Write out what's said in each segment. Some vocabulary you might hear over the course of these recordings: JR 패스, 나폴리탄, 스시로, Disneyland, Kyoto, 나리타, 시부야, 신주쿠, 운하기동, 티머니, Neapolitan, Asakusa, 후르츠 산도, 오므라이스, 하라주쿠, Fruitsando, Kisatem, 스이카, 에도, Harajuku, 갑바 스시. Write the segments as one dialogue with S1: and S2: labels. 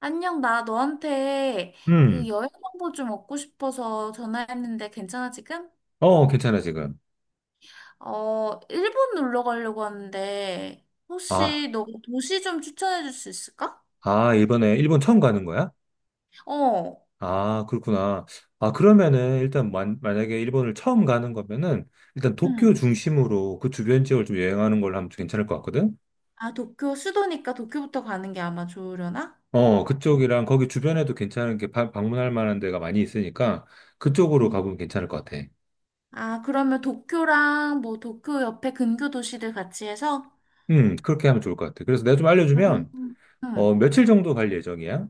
S1: 안녕, 나 너한테 그
S2: 음,
S1: 여행 정보 좀 얻고 싶어서 전화했는데 괜찮아, 지금?
S2: 어, 괜찮아, 지금.
S1: 어, 일본 놀러 가려고 하는데
S2: 아,
S1: 혹시 너 도시 좀 추천해 줄 수 있을까?
S2: 아, 이번에 일본 처음 가는 거야?
S1: 어,
S2: 아, 그렇구나. 아, 그러면은, 일단, 만약에 일본을 처음 가는 거면은, 일단 도쿄
S1: 응.
S2: 중심으로 그 주변 지역을 좀 여행하는 걸로 하면 좀 괜찮을 것 같거든?
S1: 아, 도쿄, 수도니까 도쿄부터 가는 게 아마 좋으려나?
S2: 어, 그쪽이랑 거기 주변에도 괜찮은 게 방문할 만한 데가 많이 있으니까, 그쪽으로
S1: 응.
S2: 가보면 괜찮을 것 같아.
S1: 아, 그러면 도쿄랑 뭐 도쿄 옆에 근교 도시들 같이 해서?
S2: 그렇게 하면 좋을 것 같아. 그래서 내가 좀 알려주면,
S1: 음, 응.
S2: 어, 며칠 정도 갈 예정이야?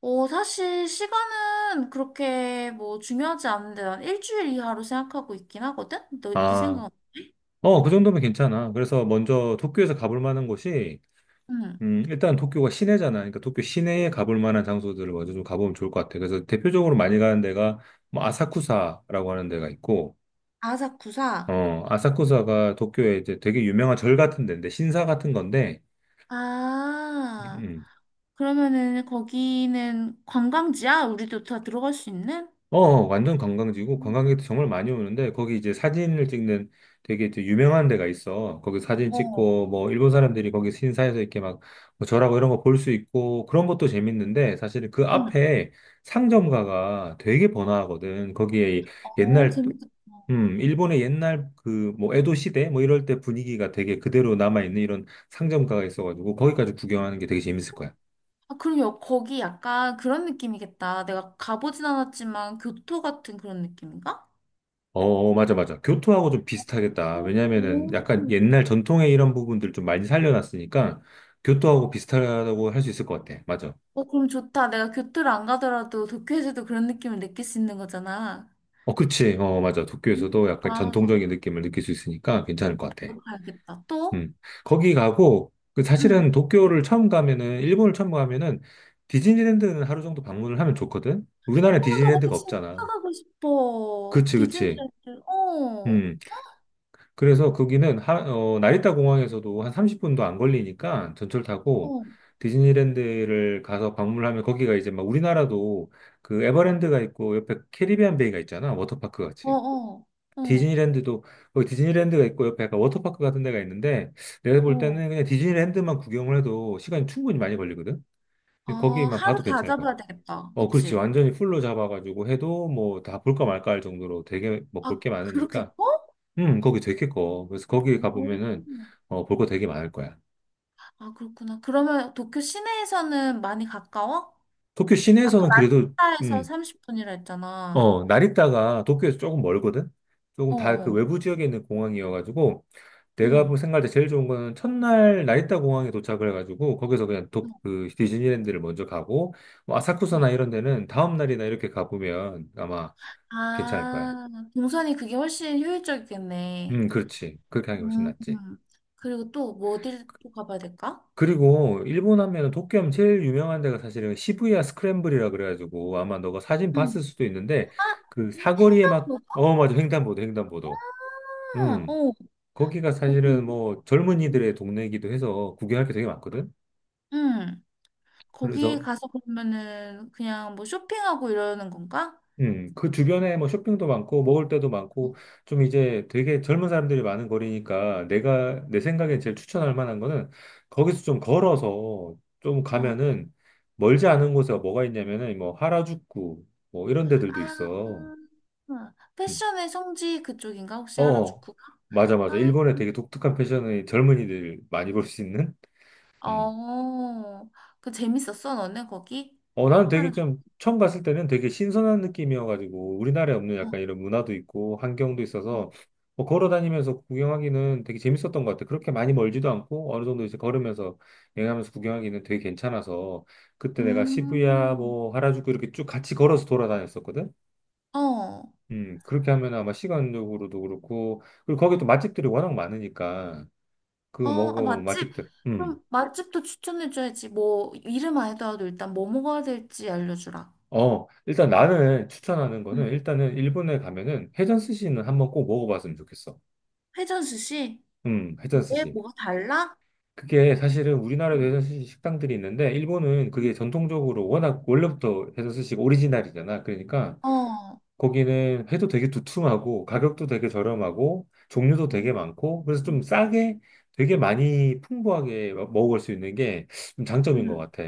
S1: 어, 사실 시간은 그렇게 뭐 중요하지 않은데 난 일주일 이하로 생각하고 있긴 하거든? 네
S2: 아,
S1: 생각은?
S2: 어, 그 정도면 괜찮아. 그래서 먼저 도쿄에서 가볼 만한 곳이,
S1: 응.
S2: 일단 도쿄가 시내잖아. 그러니까 도쿄 시내에 가볼 만한 장소들을 먼저 좀 가보면 좋을 것 같아. 그래서 대표적으로 많이 가는 데가 뭐 아사쿠사라고 하는 데가 있고,
S1: 아사쿠사?
S2: 어, 아사쿠사가 도쿄에 이제 되게 유명한 절 같은 데인데, 신사 같은 건데,
S1: 아,
S2: 음,
S1: 그러면은 거기는 관광지야? 우리도 다 들어갈 수 있는?
S2: 어, 어, 완전 관광지고 관광객도 정말 많이 오는데 거기 이제 사진을 찍는 되게 이제 유명한 데가 있어. 거기 사진
S1: 음. 어,
S2: 찍고 뭐 일본 사람들이 거기 신사에서 이렇게 막뭐 절하고 이런 거 볼 수 있고 그런 것도 재밌는데 사실 그
S1: 응.
S2: 앞에 상점가가 되게 번화하거든. 거기에
S1: 어,
S2: 옛날
S1: 재밌겠다.
S2: 일본의 옛날 그 뭐 에도 시대 뭐 이럴 때 분위기가 되게 그대로 남아 있는 이런 상점가가 있어가지고 거기까지 구경하는 게 되게 재밌을 거야.
S1: 아, 그리고 거기 약간 그런 느낌이겠다. 내가 가보진 않았지만 교토 같은 그런 느낌인가?
S2: 어, 어, 맞아, 맞아. 교토하고 좀 비슷하겠다. 왜냐면은
S1: 오.
S2: 약간 옛날 전통의 이런 부분들 좀 많이 살려놨으니까 교토하고 비슷하다고 할 수 있을 것 같아. 맞아.
S1: 어, 그럼 좋다. 내가 교토를 안 가더라도 도쿄에서도 그런 느낌을 느낄 수 있는 거잖아.
S2: 어, 그치. 어, 맞아.
S1: 음.
S2: 도쿄에서도 약간
S1: 아,
S2: 전통적인 느낌을 느낄 수 있으니까 괜찮을 것 같아.
S1: 또 가야겠다. 또?
S2: 음. 거기 가고, 그
S1: 응.
S2: 사실은 도쿄를 처음 가면은, 일본을 처음 가면은 디즈니랜드는 하루 정도 방문을 하면 좋거든? 우리나라에
S1: 어, 나 거기
S2: 디즈니랜드가
S1: 진짜
S2: 없잖아.
S1: 가고 싶어.
S2: 그치, 그치.
S1: 디즈니랜드. 어,
S2: 음. 그래서 거기는 어, 나리타 공항에서도 한 30분도 안 걸리니까 전철 타고
S1: 어,
S2: 디즈니랜드를 가서 방문하면 거기가 이제 막 우리나라도 그 에버랜드가 있고 옆에 캐리비안 베이가 있잖아. 워터파크
S1: 어,
S2: 같이.
S1: 어, 어,
S2: 디즈니랜드도 거기 디즈니랜드가 있고 옆에 약간 워터파크 같은 데가 있는데 내가 볼
S1: 어.
S2: 때는 그냥 디즈니랜드만 구경을 해도 시간이 충분히 많이 걸리거든.
S1: 아,
S2: 근데 거기만
S1: 하루
S2: 봐도
S1: 다
S2: 괜찮을 것 같아.
S1: 잡아야 되겠다.
S2: 어, 그렇지.
S1: 그치?
S2: 완전히 풀로 잡아가지고 해도 뭐 다 볼까 말까 할 정도로 되게 뭐 볼
S1: 아,
S2: 게
S1: 그렇게
S2: 많으니까
S1: 커?
S2: 거기 되게 커. 그래서 거기
S1: 오.
S2: 가보면은, 어, 볼 거 되게 많을 거야.
S1: 아, 그렇구나. 그러면 도쿄 시내에서는 많이 가까워?
S2: 도쿄
S1: 아까
S2: 시내에서는 그래도,
S1: 라니타에서
S2: 음,
S1: 30분이라 했잖아.
S2: 어, 나리타가 도쿄에서 조금 멀거든? 조금
S1: 어,
S2: 다 그
S1: 어.
S2: 외부 지역에 있는 공항이어가지고, 내가
S1: 응.
S2: 볼 생각할 때 제일 좋은 거는 첫날 나리타 공항에 도착을 해가지고, 거기서 그냥
S1: 어.
S2: 그 디즈니랜드를 먼저 가고, 뭐
S1: 어.
S2: 아사쿠사나 이런 데는 다음날이나 이렇게 가보면 아마 괜찮을 거야.
S1: 아, 동선이 그게 훨씬 효율적이겠네.
S2: 그렇지. 그렇게 하는 게 훨씬
S1: 음,
S2: 낫지.
S1: 음. 그리고 또 뭐어를또 가봐야 될까?
S2: 그리고 일본 하면은 도쿄 하면 제일 유명한 데가 사실은 시부야 스크램블이라 그래가지고 아마 너가 사진 봤을
S1: 응,
S2: 수도 있는데 그 사거리에 막
S1: 횡단보도가,
S2: 어 맞아 횡단보도. 음.
S1: 어,
S2: 거기가
S1: 거기,
S2: 사실은 뭐 젊은이들의 동네이기도 해서 구경할 게 되게 많거든.
S1: 응, 거기
S2: 그래서
S1: 가서 그러면은 그냥 뭐 쇼핑하고 이러는 건가?
S2: 그 주변에 뭐 쇼핑도 많고 먹을 데도 많고 좀 이제 되게 젊은 사람들이 많은 거리니까 내가 내 생각에 제일 추천할 만한 거는 거기서 좀 걸어서 좀
S1: 어,
S2: 가면은 멀지 않은 곳에 뭐가 있냐면은 뭐 하라주쿠 뭐 이런 데들도 있어.
S1: 아,
S2: 음.
S1: 패션의 성지 그쪽인가? 혹시
S2: 어,
S1: 하라주쿠가?
S2: 맞아, 맞아.
S1: 아,
S2: 일본에 되게 독특한 패션의 젊은이들 많이 볼 수 있는. 음.
S1: 어, 그 재밌었어, 너네 거기?
S2: 어, 나는 되게
S1: 하라주쿠.
S2: 좀 처음 갔을 때는 되게 신선한 느낌이어가지고 우리나라에 없는
S1: 어,
S2: 약간 이런 문화도 있고 환경도
S1: 어.
S2: 있어서 뭐 걸어 다니면서 구경하기는 되게 재밌었던 것 같아. 그렇게 많이 멀지도 않고 어느 정도 이제 걸으면서 여행하면서 구경하기는 되게 괜찮아서 그때 내가 시부야
S1: 음,
S2: 뭐 하라주쿠 이렇게 쭉 같이 걸어서 돌아다녔었거든.
S1: 어.
S2: 그렇게 하면 아마 시간적으로도 그렇고 그리고 거기 또 맛집들이 워낙 많으니까 그거
S1: 어, 아,
S2: 먹어
S1: 맛집?
S2: 맛집들. 음.
S1: 그럼 맛집도 추천해줘야지. 뭐, 이름 해더라도 일단 뭐 먹어야 될지 알려주라.
S2: 어, 일단 나는 추천하는
S1: 응.
S2: 거는 일단은 일본에 가면은 회전 스시는 한번 꼭 먹어봤으면 좋겠어.
S1: 회전 스시?
S2: 회전
S1: 왜?
S2: 스시.
S1: 뭐가 달라?
S2: 그게 사실은 우리나라도
S1: 응.
S2: 회전 스시 식당들이 있는데 일본은 그게 전통적으로 워낙 원래부터 회전 스시가 오리지널이잖아. 그러니까
S1: 어,
S2: 거기는 회도 되게 두툼하고 가격도 되게 저렴하고 종류도
S1: 음,
S2: 되게 많고 그래서
S1: 응.
S2: 좀 싸게 되게 많이 풍부하게 먹을 수 있는 게 좀 장점인 것
S1: 응.
S2: 같아.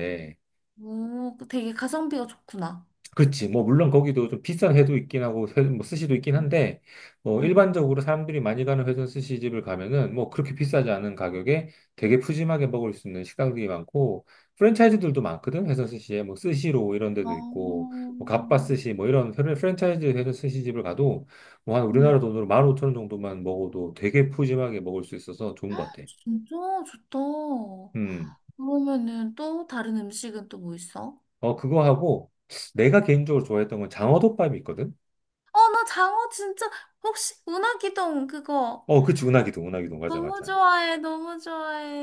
S1: 오, 그 되게 가성비가 좋구나.
S2: 그렇지. 뭐, 물론 거기도 좀 비싼 회도 있긴 하고, 회, 뭐, 스시도 있긴
S1: 응.
S2: 한데, 뭐,
S1: 응.
S2: 일반적으로 사람들이 많이 가는 회전 스시집을 가면은, 뭐, 그렇게 비싸지 않은 가격에 되게 푸짐하게 먹을 수 있는 식당들이 많고, 프랜차이즈들도 많거든, 회전 스시에. 뭐, 스시로 이런 데도 있고,
S1: 어,
S2: 뭐, 갑바 스시, 뭐, 이런 프랜차이즈 회전 스시집을 가도, 뭐, 한 우리나라
S1: 응.
S2: 돈으로 15,000원 정도만 먹어도 되게 푸짐하게 먹을 수 있어서 좋은 것 같아.
S1: 진짜 좋다.
S2: 음.
S1: 그러면은 또 다른 음식은 또 뭐 있어?
S2: 어, 그거 하고, 내가 개인적으로 좋아했던 건 장어덮밥이 있거든?
S1: 어, 나 장어 진짜, 혹시 운하기동 그거
S2: 어, 그치, 운하기동. 맞아,
S1: 너무
S2: 맞아.
S1: 좋아해, 너무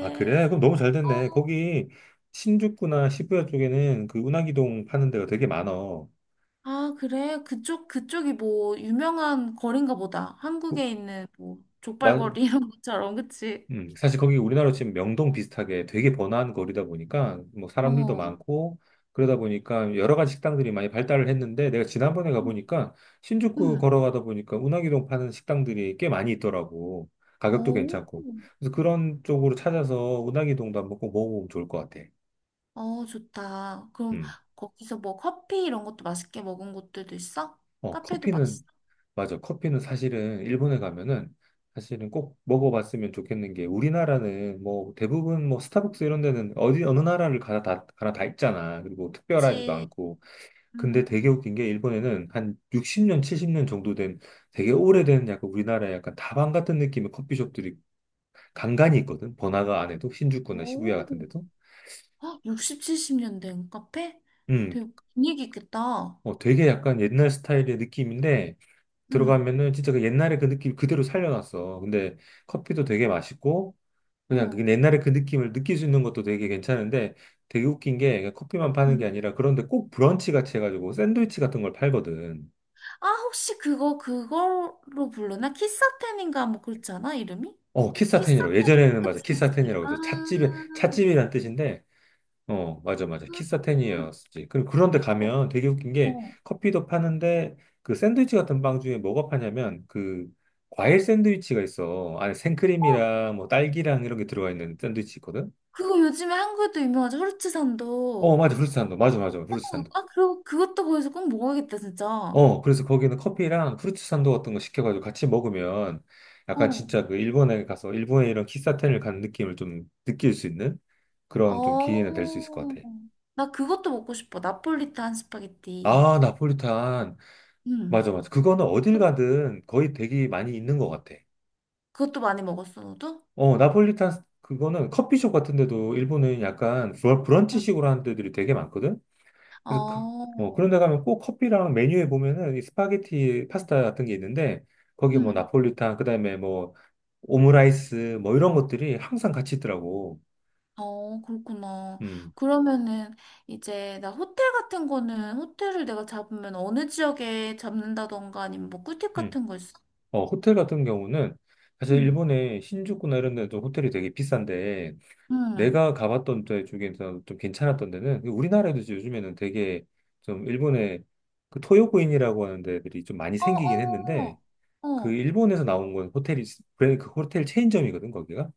S2: 아, 그래? 그럼 너무 잘 됐네.
S1: 어.
S2: 거기 신주쿠나 시부야 쪽에는 그 운하기동 파는 데가 되게 많어.
S1: 아, 그래? 그쪽이 뭐, 유명한 거리인가 보다. 한국에 있는 뭐,
S2: 마,
S1: 족발거리 이런 것처럼, 그치?
S2: 사실 거기 우리나라로 치면 명동 비슷하게 되게 번화한 거리다 보니까 뭐 사람들도
S1: 어.
S2: 많고 그러다 보니까 여러 가지 식당들이 많이 발달을 했는데 내가 지난번에
S1: 응.
S2: 가보니까 신주쿠
S1: 응.
S2: 걸어가다 보니까 운하기동 파는 식당들이 꽤 많이 있더라고. 가격도
S1: 어,
S2: 괜찮고. 그래서 그런 쪽으로 찾아서 운하기동도 한번 꼭 먹어보면 좋을 것 같아.
S1: 어, 좋다. 그럼
S2: 음.
S1: 거기서 뭐 커피 이런 것도 맛있게 먹은 곳들도 있어?
S2: 어,
S1: 카페도
S2: 커피는
S1: 맛있어?
S2: 맞아. 커피는 사실은 일본에 가면은 사실은 꼭 먹어봤으면 좋겠는 게 우리나라는 뭐 대부분 뭐 스타벅스 이런 데는 어디 어느 나라를 가나 다 가나 다 있잖아. 그리고 특별하지도
S1: 그치.
S2: 않고. 근데
S1: 응.
S2: 되게 웃긴 게 일본에는 한 60년, 70년 정도 된 되게 오래된 약간 우리나라의 약간 다방 같은 느낌의 커피숍들이 간간이 있거든. 번화가 안에도 신주쿠나 시부야
S1: 오.
S2: 같은 데도.
S1: 헉, 60, 70년 된 카페?
S2: 음.
S1: 되게 분위기 있겠다.
S2: 어, 되게 약간 옛날 스타일의 느낌인데
S1: 응.
S2: 들어가면은 진짜 그 옛날의 그 느낌 그대로 살려놨어. 근데 커피도 되게 맛있고 그냥
S1: 어.
S2: 그 옛날에 그 느낌을 느낄 수 있는 것도 되게 괜찮은데 되게 웃긴 게 커피만 파는 게
S1: 응.
S2: 아니라 그런데 꼭 브런치 같이 해가지고 샌드위치 같은 걸 팔거든.
S1: 아, 그걸로 부르나? 키사템인가? 뭐 그렇지 않아? 이름이?
S2: 어,
S1: 키사템.
S2: 키사텐이라고. 예전에는 맞아.
S1: 그치, 그치.
S2: 키사텐이라고
S1: 아,
S2: 해서 찻집에,
S1: 아.
S2: 찻집이란 뜻인데, 어, 맞아, 맞아. 키사텐이었지. 그런데
S1: 어,
S2: 가면 되게 웃긴 게
S1: 어.
S2: 커피도 파는데 그 샌드위치 같은 빵 중에 뭐가 파냐면 그 과일 샌드위치가 있어. 안에
S1: 어,
S2: 생크림이랑 뭐 딸기랑 이런 게 들어가 있는 샌드위치 있거든.
S1: 그거 요즘에 한국에도 유명하죠.
S2: 어,
S1: 후르츠산도.
S2: 맞아. 후르츠 산도. 맞아, 맞아. 후르츠 산도.
S1: 아, 그리고 그것도 거기서 꼭 먹어야겠다, 진짜. 어.
S2: 어, 그래서 거기는 커피랑 프루츠 산도 같은 거 시켜가지고 같이 먹으면 약간 진짜 그 일본에 가서 일본의 이런 키사텐을 간 느낌을 좀 느낄 수 있는 그런 좀 기회는 될 수 있을 것
S1: 어.
S2: 같아.
S1: 나 그것도 먹고 싶어. 나폴리탄 스파게티.
S2: 아, 나폴리탄.
S1: 응.
S2: 맞아, 맞아. 그거는 어딜 가든 거의 되게 많이 있는 것 같아.
S1: 그것도 많이 먹었어, 너도?
S2: 어, 나폴리탄 그거는 커피숍 같은 데도 일본은 약간
S1: 응.
S2: 브런치식으로 하는 데들이 되게 많거든? 그래서 그,
S1: 어.
S2: 뭐 그런 데 가면 꼭 커피랑 메뉴에 보면은 이 스파게티 파스타 같은 게 있는데 거기 뭐
S1: 응.
S2: 나폴리탄 그다음에 뭐 오므라이스 뭐 이런 것들이 항상 같이 있더라고.
S1: 어, 그렇구나.
S2: 음.
S1: 그러면은 이제 나 호텔 같은 거는 호텔을 내가 잡으면 어느 지역에 잡는다던가 아니면 뭐 꿀팁
S2: 음.
S1: 같은 거 있어?
S2: 어, 호텔 같은 경우는 사실
S1: 응,
S2: 일본의 신주쿠나 이런 데도 호텔이 되게 비싼데
S1: 응.
S2: 내가 가봤던 데 중에서 좀 괜찮았던 데는 그 우리나라에도 이제 요즘에는 되게 좀 일본의 그 토요코인이라고 하는 데들이 좀 많이
S1: 어,
S2: 생기긴 했는데
S1: 어,
S2: 그
S1: 어.
S2: 일본에서 나온 건 호텔이 브랜드 그 호텔 체인점이거든 거기가.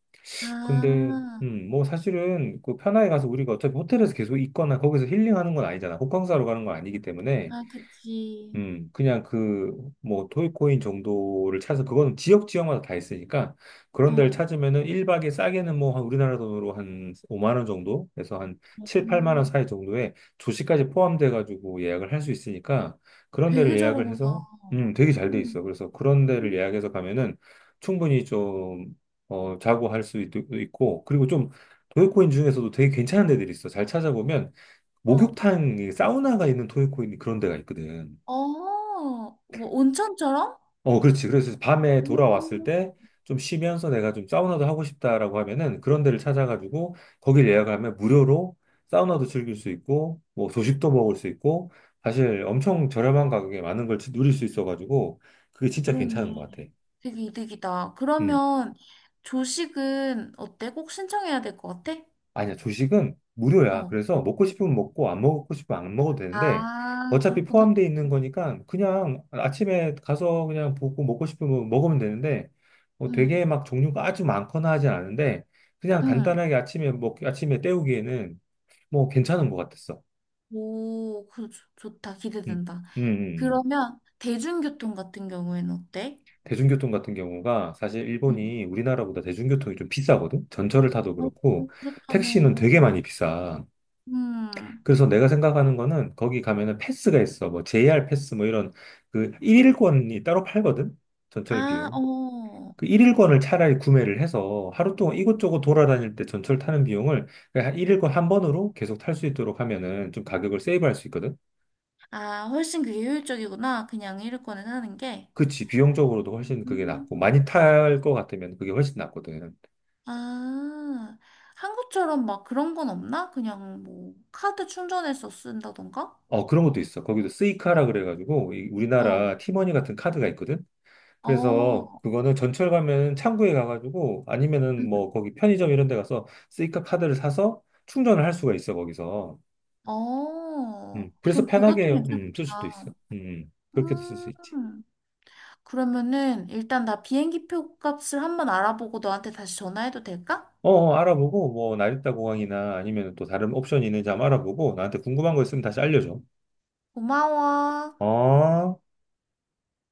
S2: 근데
S1: 아,
S2: 뭐 사실은 그 편하게 가서 우리가 어차피 호텔에서 계속 있거나 거기서 힐링하는 건 아니잖아. 호캉스하러 가는 건 아니기 때문에
S1: 아, 그치.
S2: 그냥 그, 뭐, 토이코인 정도를 찾아서, 그거는 지역 지역마다 다 있으니까, 그런 데를
S1: 어,
S2: 찾으면은 1박에 싸게는 뭐, 한 우리나라 돈으로 한 5만 원 정도? 그래서 한 7, 8만 원
S1: 어.
S2: 사이 정도에 조식까지 포함돼가지고 예약을 할 수 있으니까, 그런 데를
S1: 되게
S2: 예약을
S1: 저렴하다.
S2: 해서, 되게 잘 돼
S1: 응,
S2: 있어. 그래서 그런 데를
S1: 응.
S2: 예약해서 가면은 충분히 좀, 어, 자고 할 수 있고, 그리고 좀, 토이코인 중에서도 되게 괜찮은 데들이 있어. 잘 찾아보면,
S1: 어,
S2: 목욕탕, 사우나가 있는 토이코인 그런 데가 있거든.
S1: 어, 뭐 온천처럼?
S2: 어, 그렇지. 그래서 밤에 돌아왔을
S1: 음,
S2: 때 좀 쉬면서 내가 좀 사우나도 하고 싶다라고 하면은 그런 데를 찾아가지고 거길 예약하면 무료로 사우나도 즐길 수 있고 뭐 조식도 먹을 수 있고 사실 엄청 저렴한 가격에 많은 걸 누릴 수 있어가지고 그게 진짜
S1: 그러네.
S2: 괜찮은 것 같아.
S1: 되게 이득이다.
S2: 음.
S1: 그러면 조식은 어때? 꼭 신청해야 될 것 같아?
S2: 아니야, 조식은 무료야.
S1: 어.
S2: 그래서 먹고 싶으면 먹고 안 먹고 싶으면 안 먹어도 되는데
S1: 아,
S2: 어차피
S1: 그렇구나.
S2: 포함되어 있는 거니까 그냥 아침에 가서 그냥 보고 먹고 싶으면 먹으면 되는데 뭐
S1: 응,
S2: 되게 막 종류가 아주 많거나 하진 않은데 그냥
S1: 응.
S2: 간단하게 아침에 먹 아침에 때우기에는 뭐 괜찮은 것 같았어.
S1: 오, 좋다.
S2: 음,
S1: 기대된다.
S2: 음, 음. 음.
S1: 그러면 대중교통 같은 경우에는 어때?
S2: 대중교통 같은 경우가 사실
S1: 응.
S2: 일본이 우리나라보다 대중교통이 좀 비싸거든. 전철을 타도
S1: 어,
S2: 그렇고 택시는
S1: 그렇다면,
S2: 되게 많이 비싸.
S1: 음.
S2: 그래서 내가 생각하는 거는 거기 가면은 패스가 있어. 뭐 JR 패스 뭐 이런 그 일일권이 따로 팔거든. 전철
S1: 아,
S2: 비용.
S1: 어.
S2: 그 일일권을 차라리 구매를 해서 하루 동안 이곳저곳 돌아다닐 때 전철 타는 비용을 그냥 일일권 한 번으로 계속 탈 수 있도록 하면은 좀 가격을 세이브할 수 있거든.
S1: 아, 훨씬 그게 효율적이구나. 그냥 이륙권에 사는 게.
S2: 그치. 비용적으로도 훨씬 그게 낫고
S1: 음.
S2: 많이 탈 것 같으면 그게 훨씬 낫거든.
S1: 아, 한국처럼 막 그런 건 없나? 그냥 뭐, 카드 충전해서 쓴다던가?
S2: 어, 그런 것도 있어. 거기도 스이카라 그래가지고 이
S1: 어,
S2: 우리나라 티머니 같은 카드가 있거든.
S1: 어.
S2: 그래서 그거는 전철 가면 창구에 가가지고 아니면은 뭐 거기 편의점 이런 데 가서 스이카 카드를 사서 충전을 할 수가 있어 거기서. 음.
S1: 어,
S2: 그래서
S1: 그럼
S2: 편하게
S1: 그것도
S2: 쓸 수도
S1: 괜찮겠다.
S2: 있어. 음. 음. 그렇게도 쓸 수 있지.
S1: 음, 그러면은 일단 나 비행기 표 값을 한번 알아보고 너한테 다시 전화해도 될까?
S2: 어, 어, 알아보고 뭐 나리타 공항이나 아니면 또 다른 옵션이 있는지 한번 알아보고 나한테 궁금한 거 있으면 다시 알려줘.
S1: 고마워.
S2: 어.